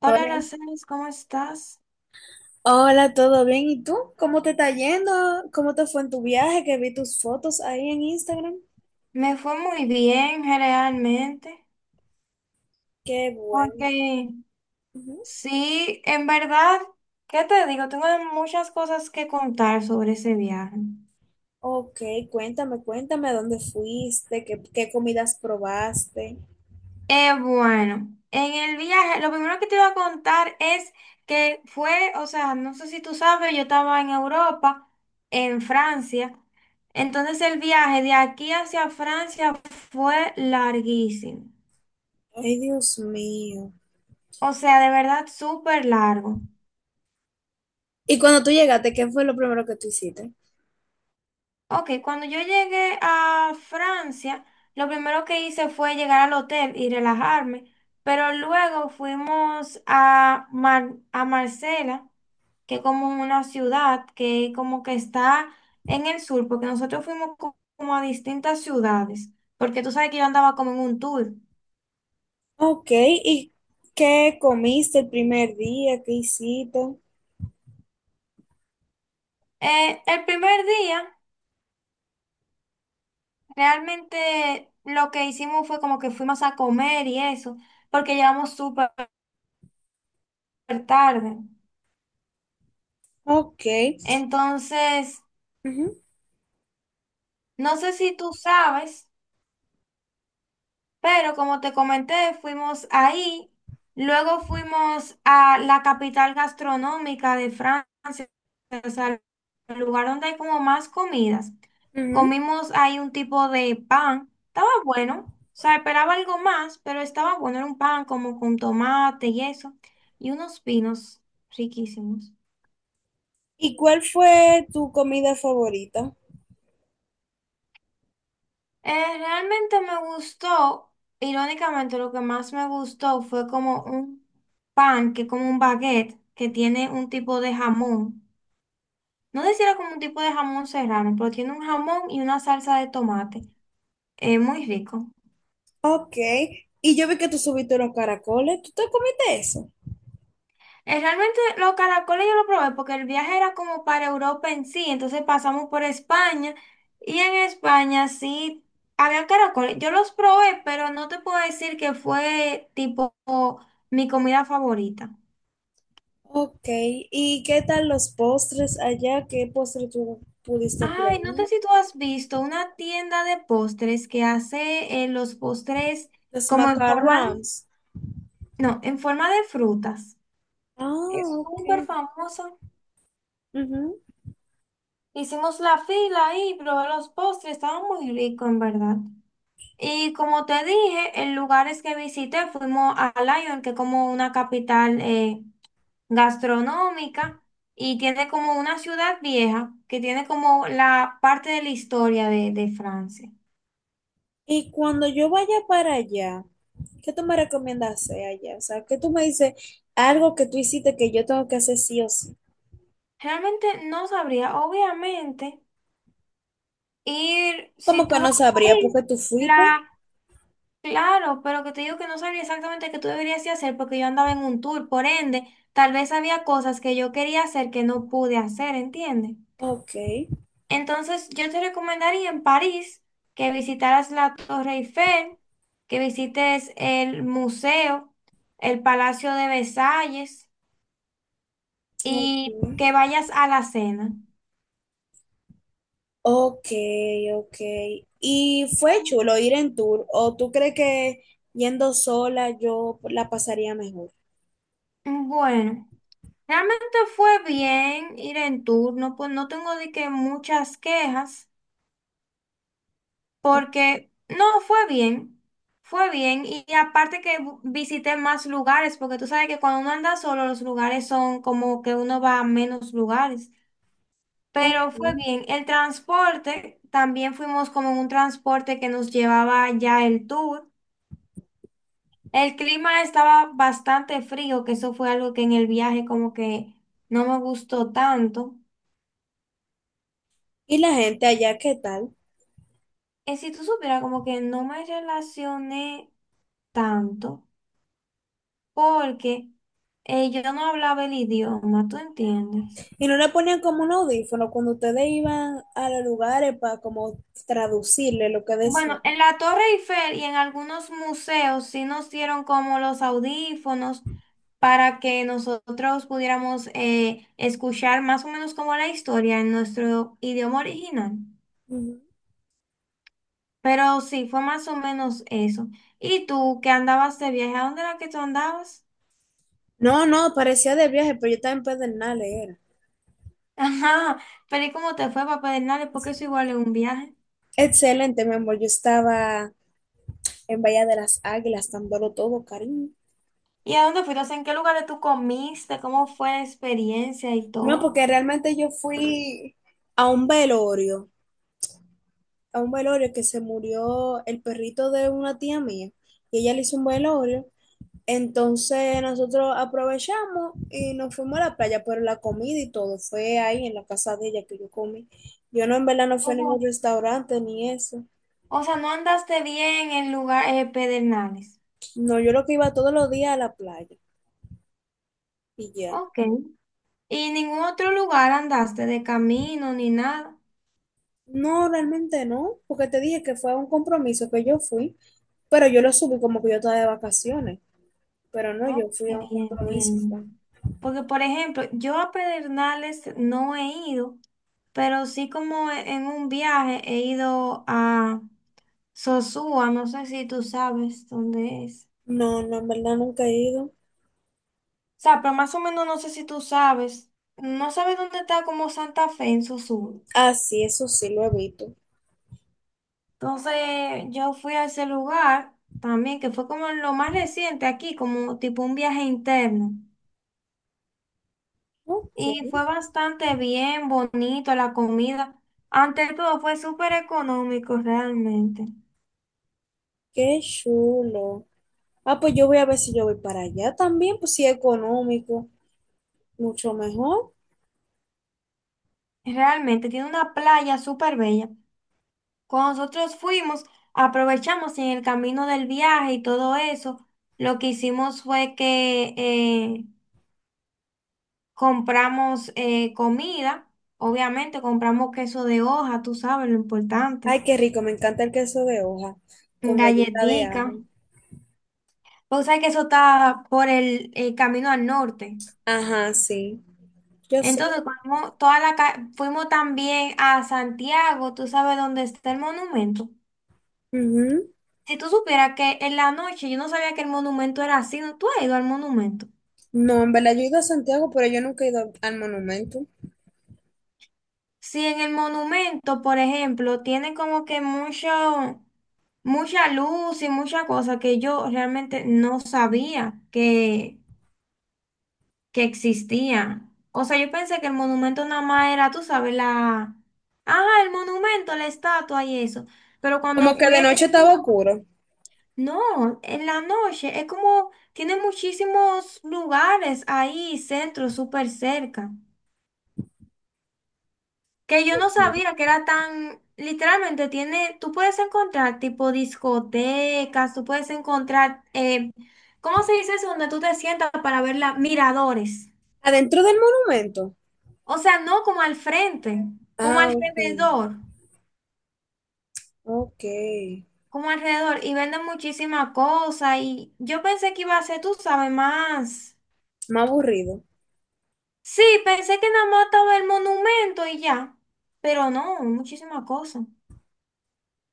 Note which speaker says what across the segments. Speaker 1: Hola,
Speaker 2: Hola,
Speaker 1: Aracelis, ¿cómo estás?
Speaker 2: hola, ¿todo bien? ¿Y tú? ¿Cómo te está yendo? ¿Cómo te fue en tu viaje? Que vi tus fotos ahí en Instagram.
Speaker 1: Me fue muy bien, realmente.
Speaker 2: Qué bueno.
Speaker 1: Porque
Speaker 2: Ujú.
Speaker 1: sí, en verdad, ¿qué te digo? Tengo muchas cosas que contar sobre ese viaje.
Speaker 2: Ok, cuéntame a dónde fuiste, qué comidas probaste.
Speaker 1: Bueno, en el viaje, lo primero que te iba a contar es que fue, o sea, no sé si tú sabes, yo estaba en Europa, en Francia. Entonces el viaje de aquí hacia Francia fue larguísimo.
Speaker 2: Ay, Dios mío.
Speaker 1: O sea, de verdad, súper largo.
Speaker 2: Y cuando tú llegaste, ¿qué fue lo primero que tú hiciste?
Speaker 1: Ok, cuando yo llegué a Francia, lo primero que hice fue llegar al hotel y relajarme, pero luego fuimos a, a Marsella, que es como una ciudad que como que está en el sur, porque nosotros fuimos como a distintas ciudades, porque tú sabes que yo andaba como en un tour.
Speaker 2: Ok, ¿y qué comiste el primer día? ¿Qué hiciste?
Speaker 1: El primer día, realmente lo que hicimos fue como que fuimos a comer y eso, porque llegamos súper tarde.
Speaker 2: Ok.
Speaker 1: Entonces...
Speaker 2: Ujú,
Speaker 1: No sé si tú sabes, pero como te comenté, fuimos ahí, luego fuimos a la capital gastronómica de Francia, o sea, el lugar donde hay como más comidas.
Speaker 2: ujú.
Speaker 1: Comimos ahí un tipo de pan, estaba bueno, o sea, esperaba algo más, pero estaba bueno, era un pan como con tomate y eso, y unos pinos riquísimos.
Speaker 2: ¿Y cuál fue tu comida favorita?
Speaker 1: Realmente me gustó, irónicamente lo que más me gustó fue como un pan, que como un baguette, que tiene un tipo de jamón. No sé si era como un tipo de jamón serrano, pero tiene un jamón y una salsa de tomate. Muy rico.
Speaker 2: Ok, y yo vi que tú subiste unos caracoles, ¿tú te comiste eso?
Speaker 1: Realmente los caracoles yo lo probé porque el viaje era como para Europa en sí, entonces pasamos por España y en España sí había caracoles. Yo los probé, pero no te puedo decir que fue tipo mi comida favorita.
Speaker 2: Ok, ¿y qué tal los postres allá? ¿Qué postre tú pudiste
Speaker 1: Ay, no
Speaker 2: probar?
Speaker 1: sé si tú has visto una tienda de postres que hace los postres
Speaker 2: Los
Speaker 1: como en forma de,
Speaker 2: macarons.
Speaker 1: no, en forma de frutas.
Speaker 2: Ah,
Speaker 1: Es
Speaker 2: ok.
Speaker 1: súper famosa.
Speaker 2: Ujú.
Speaker 1: Hicimos la fila ahí, probé los postres, estaban muy ricos en verdad. Y como te dije, en lugares que visité fuimos a Lyon, que es como una capital gastronómica y tiene como una ciudad vieja que tiene como la parte de la historia de Francia.
Speaker 2: Y cuando yo vaya para allá, ¿qué tú me recomiendas hacer allá? O sea, ¿qué tú me dices algo que tú hiciste que yo tengo que hacer sí o sí?
Speaker 1: Realmente no sabría. Obviamente, ir, si
Speaker 2: Como que
Speaker 1: tú vas
Speaker 2: no
Speaker 1: a
Speaker 2: sabría por
Speaker 1: París,
Speaker 2: qué tú fuiste.
Speaker 1: la, claro, pero que te digo que no sabría exactamente qué tú deberías de hacer porque yo andaba en un tour, por ende, tal vez había cosas que yo quería hacer que no pude hacer, ¿entiendes?
Speaker 2: Ok,
Speaker 1: Entonces, yo te recomendaría en París que visitaras la Torre Eiffel, que visites el museo, el Palacio de Versalles y
Speaker 2: ok.
Speaker 1: que vayas a la cena.
Speaker 2: Ok, ok. ¿Y fue
Speaker 1: Mm,
Speaker 2: chulo ir en tour? ¿O tú crees que yendo sola yo la pasaría mejor?
Speaker 1: Bueno. Realmente fue bien ir en turno, pues no tengo de que muchas quejas, porque no fue bien, fue bien. Y aparte que visité más lugares, porque tú sabes que cuando uno anda solo, los lugares son como que uno va a menos lugares.
Speaker 2: Ok.
Speaker 1: Pero fue bien. El transporte, también fuimos como en un transporte que nos llevaba ya el tour. El clima estaba bastante frío, que eso fue algo que en el viaje como que no me gustó tanto.
Speaker 2: ¿Y la gente allá qué tal?
Speaker 1: Si tú supieras, como que no me relacioné tanto porque yo no hablaba el idioma, ¿tú entiendes?
Speaker 2: ¿Y no le ponían como un audífono cuando ustedes iban a los lugares para como traducirle lo que decían?
Speaker 1: Bueno, en la Torre Eiffel y en algunos museos sí nos dieron como los audífonos para que nosotros pudiéramos escuchar más o menos como la historia en nuestro idioma original.
Speaker 2: Ujú.
Speaker 1: Pero sí, fue más o menos eso. ¿Y tú qué andabas de viaje? ¿A dónde era que tú andabas?
Speaker 2: No, no, parecía de viaje, pero yo estaba en Pedernales, era.
Speaker 1: Ajá, pero ¿y cómo te fue, Papá Hernández? Porque eso igual es un viaje.
Speaker 2: Excelente, mi amor. Yo estaba en Bahía de las Águilas, dándolo todo, cariño.
Speaker 1: ¿Y a dónde fuiste? O sea, ¿en qué lugares tú comiste? ¿Cómo fue la experiencia y
Speaker 2: No,
Speaker 1: todo?
Speaker 2: porque realmente yo fui a un velorio, a un velorio que se murió el perrito de una tía mía y ella le hizo un velorio. Entonces nosotros aprovechamos y nos fuimos a la playa, pero la comida y todo fue ahí en la casa de ella que yo comí. Yo no, en verdad no fui
Speaker 1: O
Speaker 2: a ningún
Speaker 1: sea,
Speaker 2: restaurante ni eso.
Speaker 1: o sea, no andaste bien en lugar Pedernales.
Speaker 2: No, yo lo que iba todos los días a la playa y ya.
Speaker 1: Ok. ¿Y ningún otro lugar andaste de camino ni nada?
Speaker 2: No, realmente no, porque te dije que fue un compromiso que yo fui, pero yo lo subí como que yo estaba de vacaciones, pero no, yo
Speaker 1: Ok,
Speaker 2: fui a un compromiso. Fue.
Speaker 1: entiendo. Porque, por ejemplo, yo a Pedernales no he ido, pero sí como en un viaje he ido a Sosúa, no sé si tú sabes dónde es.
Speaker 2: No, no, en verdad nunca he ido.
Speaker 1: O sea, pero más o menos no sé si tú sabes, no sabes dónde está como Santa Fe en su sur.
Speaker 2: Ah, sí, eso sí lo he visto.
Speaker 1: Entonces yo fui a ese lugar también, que fue como lo más reciente aquí, como tipo un viaje interno.
Speaker 2: Ok,
Speaker 1: Y fue bastante bien, bonito la comida. Ante todo fue súper económico realmente.
Speaker 2: qué chulo. Ah, pues yo voy a ver si yo voy para allá también, pues sí, económico, mucho mejor.
Speaker 1: Realmente tiene una playa súper bella. Cuando nosotros fuimos, aprovechamos y en el camino del viaje y todo eso. Lo que hicimos fue que compramos comida, obviamente compramos queso de hoja, tú sabes lo importante.
Speaker 2: Ay, qué rico, me encanta el queso de hoja con galleta de
Speaker 1: Galletica.
Speaker 2: ajo.
Speaker 1: Pues sabes que eso está por el camino al norte.
Speaker 2: Ajá, sí, yo sé.
Speaker 1: Entonces, cuando toda la fuimos también a Santiago, tú sabes dónde está el monumento.
Speaker 2: Ujú.
Speaker 1: Si tú supieras que en la noche yo no sabía que el monumento era así, ¿no? ¿Tú has ido al monumento?
Speaker 2: No, en verdad yo he ido a Santiago, pero yo nunca he ido al monumento.
Speaker 1: Si en el monumento, por ejemplo, tienen como que mucho, mucha luz y mucha cosa que yo realmente no sabía que existía. O sea, yo pensé que el monumento nada más era, tú sabes, la... Ah, el monumento, la estatua y eso. Pero cuando
Speaker 2: Como que de
Speaker 1: fui,
Speaker 2: noche estaba oscuro.
Speaker 1: no, en la noche, es como, tiene muchísimos lugares ahí, centros, súper cerca. Que yo no
Speaker 2: Ujú.
Speaker 1: sabía que era tan, literalmente tiene, tú puedes encontrar tipo discotecas, tú puedes encontrar, ¿cómo se dice eso? Donde tú te sientas para ver las miradores.
Speaker 2: Adentro del monumento.
Speaker 1: O sea, no como al frente, como
Speaker 2: Ah, ok,
Speaker 1: alrededor,
Speaker 2: ok.
Speaker 1: como alrededor. Y venden muchísimas cosas y yo pensé que iba a ser, tú sabes, más.
Speaker 2: Más aburrido.
Speaker 1: Sí, pensé que nada más estaba el monumento y ya, pero no, muchísimas cosas.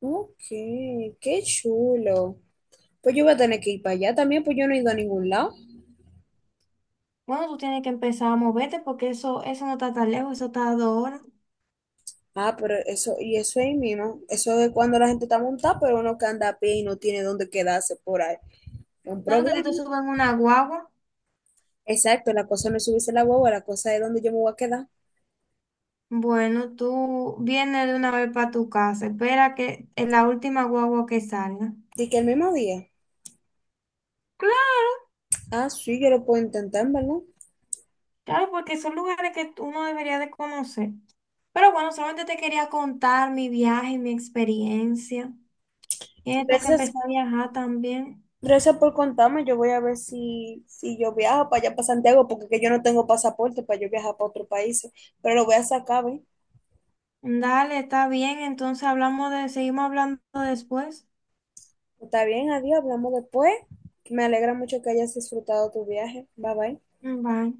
Speaker 2: Ok, qué chulo. Pues yo voy a tener que ir para allá también, pues yo no he ido a ningún lado.
Speaker 1: Bueno, tú tienes que empezar a moverte porque eso no está tan lejos, eso está a 2 horas.
Speaker 2: Ah, pero eso, y eso ahí mismo, eso es cuando la gente está montada, pero uno que anda a pie y no tiene dónde quedarse por ahí. Es un
Speaker 1: No, que
Speaker 2: problema.
Speaker 1: tú te subas en una guagua.
Speaker 2: Exacto, la cosa no es subirse a la guagua, la cosa es dónde yo me voy a quedar.
Speaker 1: Bueno, tú vienes de una vez para tu casa. Espera que es la última guagua que salga.
Speaker 2: Dice que el mismo día.
Speaker 1: Claro,
Speaker 2: Ah, sí, yo lo puedo intentar, ¿verdad?
Speaker 1: claro, porque son lugares que uno debería de conocer. Pero bueno, solamente te quería contar mi viaje y mi experiencia. Tienes tú que empezar
Speaker 2: Gracias,
Speaker 1: a viajar también.
Speaker 2: gracias por contarme. Yo voy a ver si, si yo viajo para allá, para Santiago, porque que yo no tengo pasaporte para yo viajar para otros países, pero lo voy a sacar, ¿ves?
Speaker 1: Dale, está bien. Entonces hablamos de, seguimos hablando después.
Speaker 2: Está bien, adiós, hablamos después. Me alegra mucho que hayas disfrutado tu viaje. Bye bye.
Speaker 1: Bye.